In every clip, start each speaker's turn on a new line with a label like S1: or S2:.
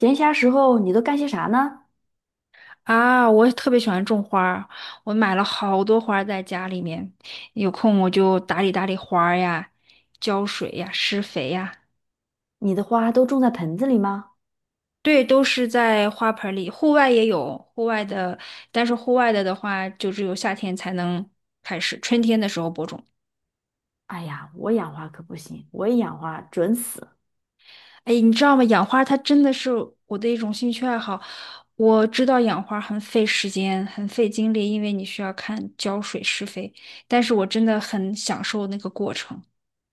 S1: 闲暇时候你都干些啥呢？
S2: 啊，我也特别喜欢种花儿，我买了好多花儿在家里面，有空我就打理打理花儿呀，浇水呀，施肥呀，
S1: 你的花都种在盆子里吗？
S2: 对，都是在花盆里。户外也有户外的，但是户外的话，就只有夏天才能开始，春天的时候播种。
S1: 哎呀，我养花可不行，我一养花准死。
S2: 哎，你知道吗？养花它真的是我的一种兴趣爱好。我知道养花很费时间，很费精力，因为你需要看浇水、施肥，但是我真的很享受那个过程。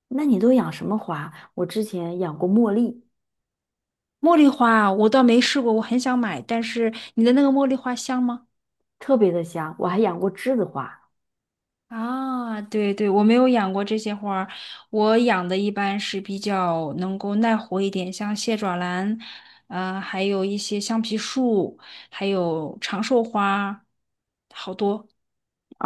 S1: 那你都养什么花？我之前养过茉莉，
S2: 茉莉花，我倒没试过，我很想买，但是你的那个茉莉花香吗？
S1: 特别的香，我还养过栀子花。
S2: 啊，对对，我没有养过这些花儿，我养的一般是比较能够耐活一点，像蟹爪兰，还有一些橡皮树，还有长寿花，好多。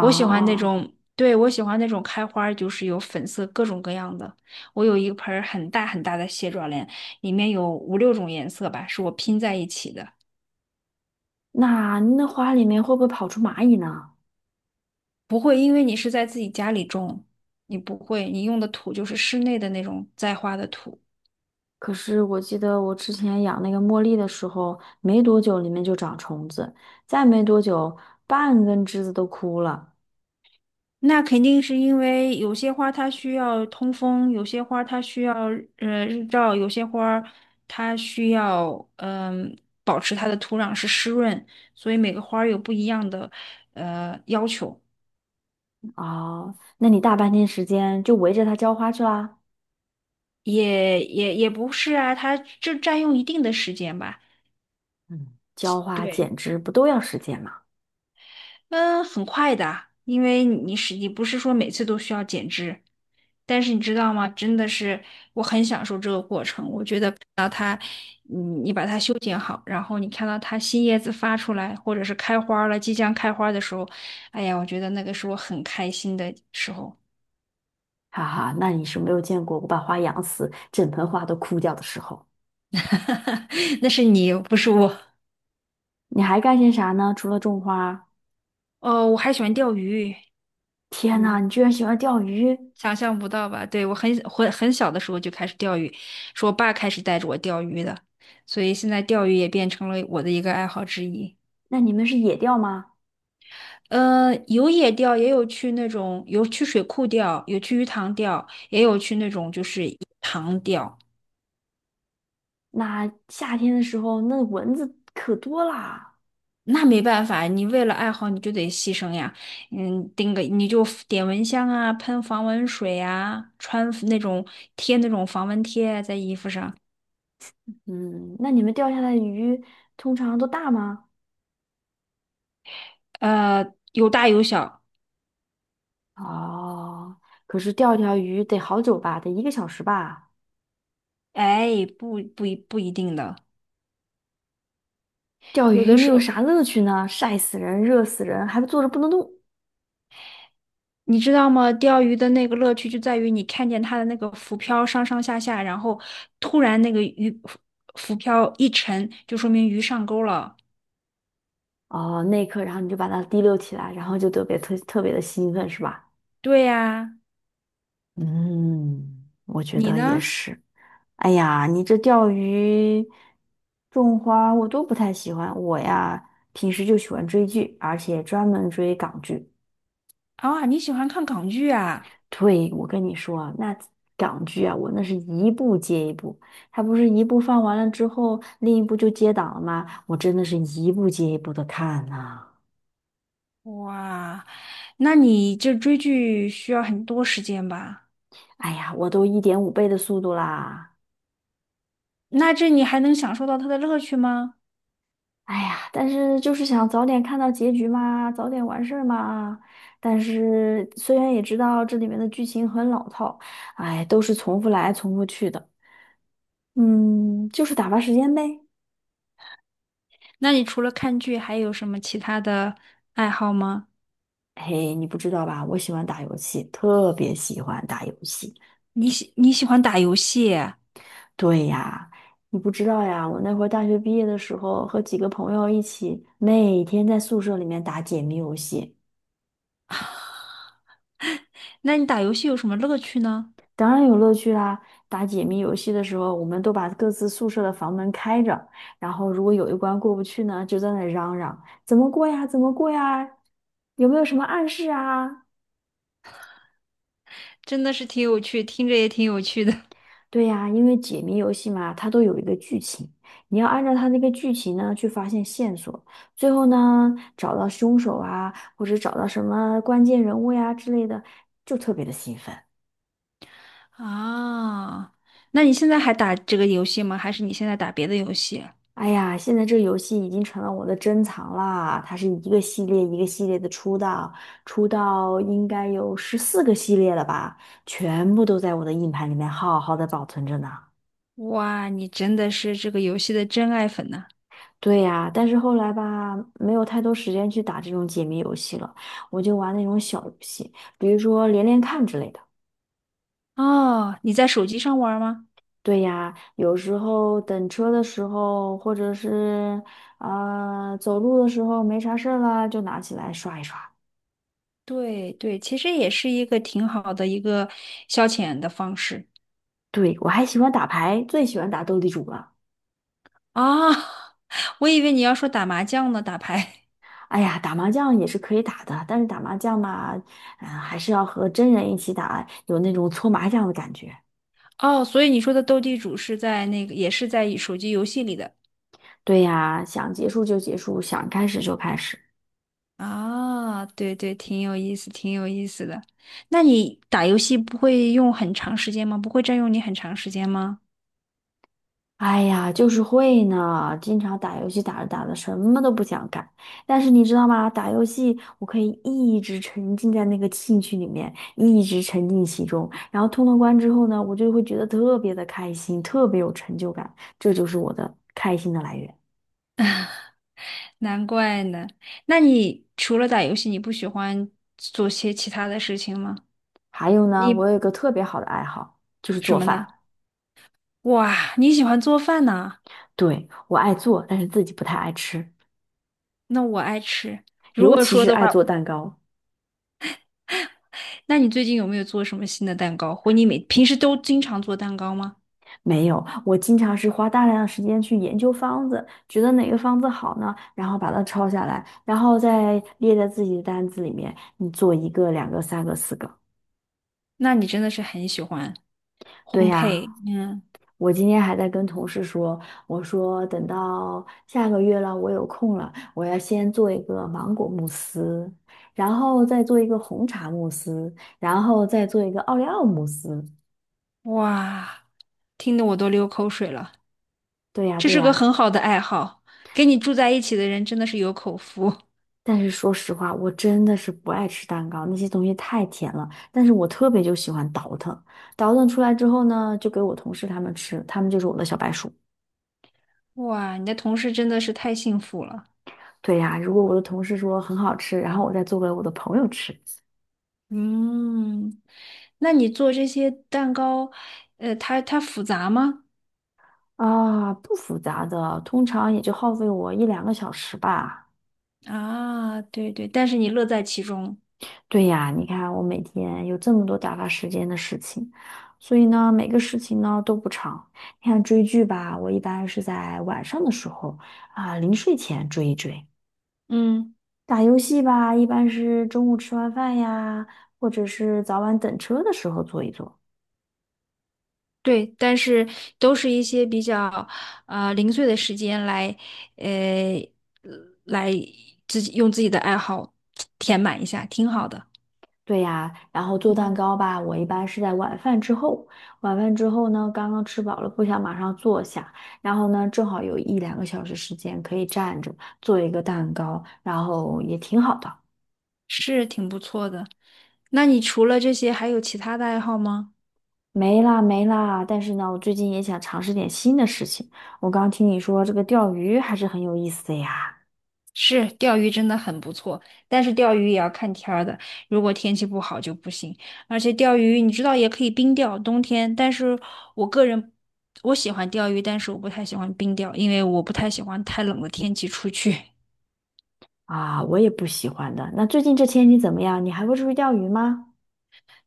S2: 我喜欢那种，对，我喜欢那种开花儿就是有粉色各种各样的。我有一盆儿很大很大的蟹爪兰，里面有五六种颜色吧，是我拼在一起的。
S1: 那花里面会不会跑出蚂蚁呢？
S2: 不会，因为你是在自己家里种，你不会，你用的土就是室内的那种栽花的土。
S1: 可是我记得我之前养那个茉莉的时候，没多久里面就长虫子，再没多久半根栀子都枯了。
S2: 那肯定是因为有些花它需要通风，有些花它需要日照，有些花儿它需要保持它的土壤是湿润，所以每个花儿有不一样的要求，
S1: 哦，那你大半天时间就围着它浇花去啦？
S2: 也不是啊，它就占用一定的时间吧。
S1: 嗯，浇花
S2: 对。
S1: 剪枝不都要时间吗？
S2: 嗯，很快的，因为你不是说每次都需要剪枝，但是你知道吗？真的是我很享受这个过程。我觉得看到它，你把它修剪好，然后你看到它新叶子发出来，或者是开花儿了，即将开花儿的时候，哎呀，我觉得那个是我很开心的时候。
S1: 哈哈，那你是没有见过我把花养死，整盆花都枯掉的时候。
S2: 那是你，不是我。
S1: 你还干些啥呢？除了种花，
S2: 哦，我还喜欢钓鱼。
S1: 天呐，
S2: 嗯。
S1: 你居然喜欢钓鱼？
S2: 想象不到吧？对，我很小的时候就开始钓鱼，是我爸开始带着我钓鱼的，所以现在钓鱼也变成了我的一个爱好之一。
S1: 那你们是野钓吗？
S2: 有野钓，也有去那种水库钓，有去鱼塘钓，也有去那种就是塘钓。
S1: 那夏天的时候，那蚊子可多啦。
S2: 那没办法，你为了爱好你就得牺牲呀。嗯，钉个你就点蚊香啊，喷防蚊水啊，穿那种贴那种防蚊贴在衣服上。
S1: 嗯，那你们钓下来的鱼通常都大吗？
S2: 呃，有大有小，
S1: 哦，可是钓一条鱼得好久吧，得一个小时吧。
S2: 哎，不不一不一定的，
S1: 钓
S2: 有
S1: 鱼
S2: 的
S1: 你
S2: 时
S1: 有
S2: 候
S1: 啥乐趣呢？晒死人，热死人，还不坐着不能动。
S2: 你知道吗？钓鱼的那个乐趣就在于你看见它的那个浮漂上上下下，然后突然那个浮漂一沉，就说明鱼上钩了。
S1: 哦，那一刻，然后你就把它提溜起来，然后就特别别的兴奋，是吧？
S2: 对呀，
S1: 嗯，我觉
S2: 你
S1: 得也
S2: 呢？
S1: 是。哎呀，你这钓鱼、种花我都不太喜欢。我呀，平时就喜欢追剧，而且专门追港剧。
S2: 啊，你喜欢看港剧啊？
S1: 对，我跟你说啊，那港剧啊，我那是一部接一部，它不是一部放完了之后，另一部就接档了吗？我真的是一部接一部的看呐、
S2: 哇，那你这追剧需要很多时间吧？
S1: 哎呀，我都1.5倍的速度啦。
S2: 那这你还能享受到它的乐趣吗？
S1: 哎呀，但是就是想早点看到结局嘛，早点完事儿嘛。但是虽然也知道这里面的剧情很老套，哎，都是重复来重复去的。嗯，就是打发时间呗。
S2: 那你除了看剧，还有什么其他的爱好吗？
S1: 嘿，你不知道吧？我喜欢打游戏，特别喜欢打游戏。
S2: 你喜欢打游戏？
S1: 对呀，你不知道呀，我那会儿大学毕业的时候，和几个朋友一起，每天在宿舍里面打解谜游戏。
S2: 那你打游戏有什么乐趣呢？
S1: 当然有乐趣啦！打解谜游戏的时候，我们都把各自宿舍的房门开着，然后如果有一关过不去呢，就在那嚷嚷：“怎么过呀？怎么过呀？有没有什么暗示啊？”
S2: 真的是挺有趣，听着也挺有趣的。
S1: 对呀，因为解谜游戏嘛，它都有一个剧情，你要按照它那个剧情呢去发现线索，最后呢找到凶手啊，或者找到什么关键人物呀之类的，就特别的兴奋。
S2: 啊，那你现在还打这个游戏吗？还是你现在打别的游戏？
S1: 哎呀，现在这游戏已经成了我的珍藏啦！它是一个系列一个系列的出到，出到应该有14个系列了吧，全部都在我的硬盘里面好好的保存着呢。
S2: 哇，你真的是这个游戏的真爱粉呐！
S1: 对呀，但是后来吧，没有太多时间去打这种解谜游戏了，我就玩那种小游戏，比如说连连看之类的。
S2: 哦，你在手机上玩吗？
S1: 对呀，有时候等车的时候，或者是走路的时候没啥事儿啦，就拿起来刷一刷。
S2: 对对，其实也是一个挺好的一个消遣的方式。
S1: 对，我还喜欢打牌，最喜欢打斗地主了。
S2: 啊，我以为你要说打麻将呢，打牌。
S1: 哎呀，打麻将也是可以打的，但是打麻将嘛，还是要和真人一起打，有那种搓麻将的感觉。
S2: 哦，所以你说的斗地主是在那个，也是在手机游戏里的。
S1: 对呀，想结束就结束，想开始就开始。
S2: 啊，对对，挺有意思，挺有意思的。那你打游戏不会用很长时间吗？不会占用你很长时间吗？
S1: 哎呀，就是会呢，经常打游戏打着打着什么都不想干。但是你知道吗？打游戏我可以一直沉浸在那个兴趣里面，一直沉浸其中。然后通了关之后呢，我就会觉得特别的开心，特别有成就感，这就是我的开心的来源。
S2: 难怪呢。那你除了打游戏，你不喜欢做些其他的事情吗？
S1: 还有呢，我
S2: 你
S1: 有一个特别好的爱好，就是
S2: 什
S1: 做
S2: 么呢？
S1: 饭。
S2: 哇，你喜欢做饭呢？
S1: 对，我爱做，但是自己不太爱吃，
S2: 那我爱吃。如
S1: 尤
S2: 果
S1: 其
S2: 说
S1: 是
S2: 的
S1: 爱
S2: 话，
S1: 做蛋糕。
S2: 那你最近有没有做什么新的蛋糕？或你每平时都经常做蛋糕吗？
S1: 没有，我经常是花大量的时间去研究方子，觉得哪个方子好呢，然后把它抄下来，然后再列在自己的单子里面，你做一个、两个、三个、四个。
S2: 那你真的是很喜欢
S1: 对
S2: 烘焙。
S1: 呀，
S2: 嗯，
S1: 我今天还在跟同事说，我说等到下个月了，我有空了，我要先做一个芒果慕斯，然后再做一个红茶慕斯，然后再做一个奥利奥慕斯。
S2: 哇，听得我都流口水了。
S1: 对呀，
S2: 这
S1: 对
S2: 是个
S1: 呀。
S2: 很好的爱好，跟你住在一起的人真的是有口福。
S1: 但是说实话，我真的是不爱吃蛋糕，那些东西太甜了。但是我特别就喜欢倒腾，倒腾出来之后呢，就给我同事他们吃，他们就是我的小白鼠。
S2: 哇，你的同事真的是太幸福了。
S1: 对呀，如果我的同事说很好吃，然后我再做给我的朋友吃，
S2: 嗯，那你做这些蛋糕，它复杂吗？
S1: 啊，不复杂的，通常也就耗费我一两个小时吧。
S2: 啊，对对，但是你乐在其中。
S1: 对呀，你看我每天有这么多打发时间的事情，所以呢，每个事情呢都不长。你看追剧吧，我一般是在晚上的时候啊，临睡前追一追。
S2: 嗯，
S1: 打游戏吧，一般是中午吃完饭呀，或者是早晚等车的时候做一做。
S2: 对，但是都是一些比较啊、零碎的时间来，呃，来自己用自己的爱好填满一下，挺好的。
S1: 对呀，然后做蛋
S2: 嗯，
S1: 糕吧，我一般是在晚饭之后。晚饭之后呢，刚刚吃饱了，不想马上坐下，然后呢，正好有一两个小时时间可以站着做一个蛋糕，然后也挺好的。
S2: 是挺不错的。那你除了这些，还有其他的爱好吗？
S1: 没啦没啦，但是呢，我最近也想尝试点新的事情。我刚听你说这个钓鱼还是很有意思的呀。
S2: 是，钓鱼真的很不错，但是钓鱼也要看天儿的，如果天气不好就不行。而且钓鱼，你知道也可以冰钓，冬天。但是我个人，我喜欢钓鱼，但是我不太喜欢冰钓，因为我不太喜欢太冷的天气出去。
S1: 啊，我也不喜欢的。那最近这天气怎么样？你还会出去钓鱼吗？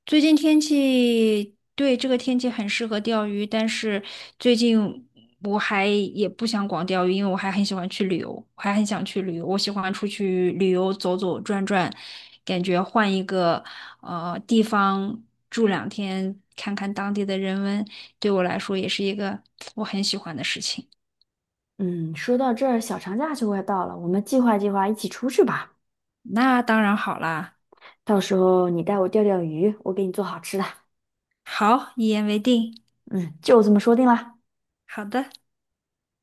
S2: 最近天气，对，这个天气很适合钓鱼，但是最近我还也不想光钓鱼，因为我还很喜欢去旅游，我还很想去旅游，我喜欢出去旅游走走转转，感觉换一个地方住两天，看看当地的人文，对我来说也是一个我很喜欢的事情。
S1: 嗯，说到这儿，小长假就快到了，我们计划计划一起出去吧。
S2: 那当然好啦，
S1: 到时候你带我钓钓鱼，我给你做好吃的。
S2: 好，一言为定，
S1: 嗯，就这么说定了。
S2: 好的。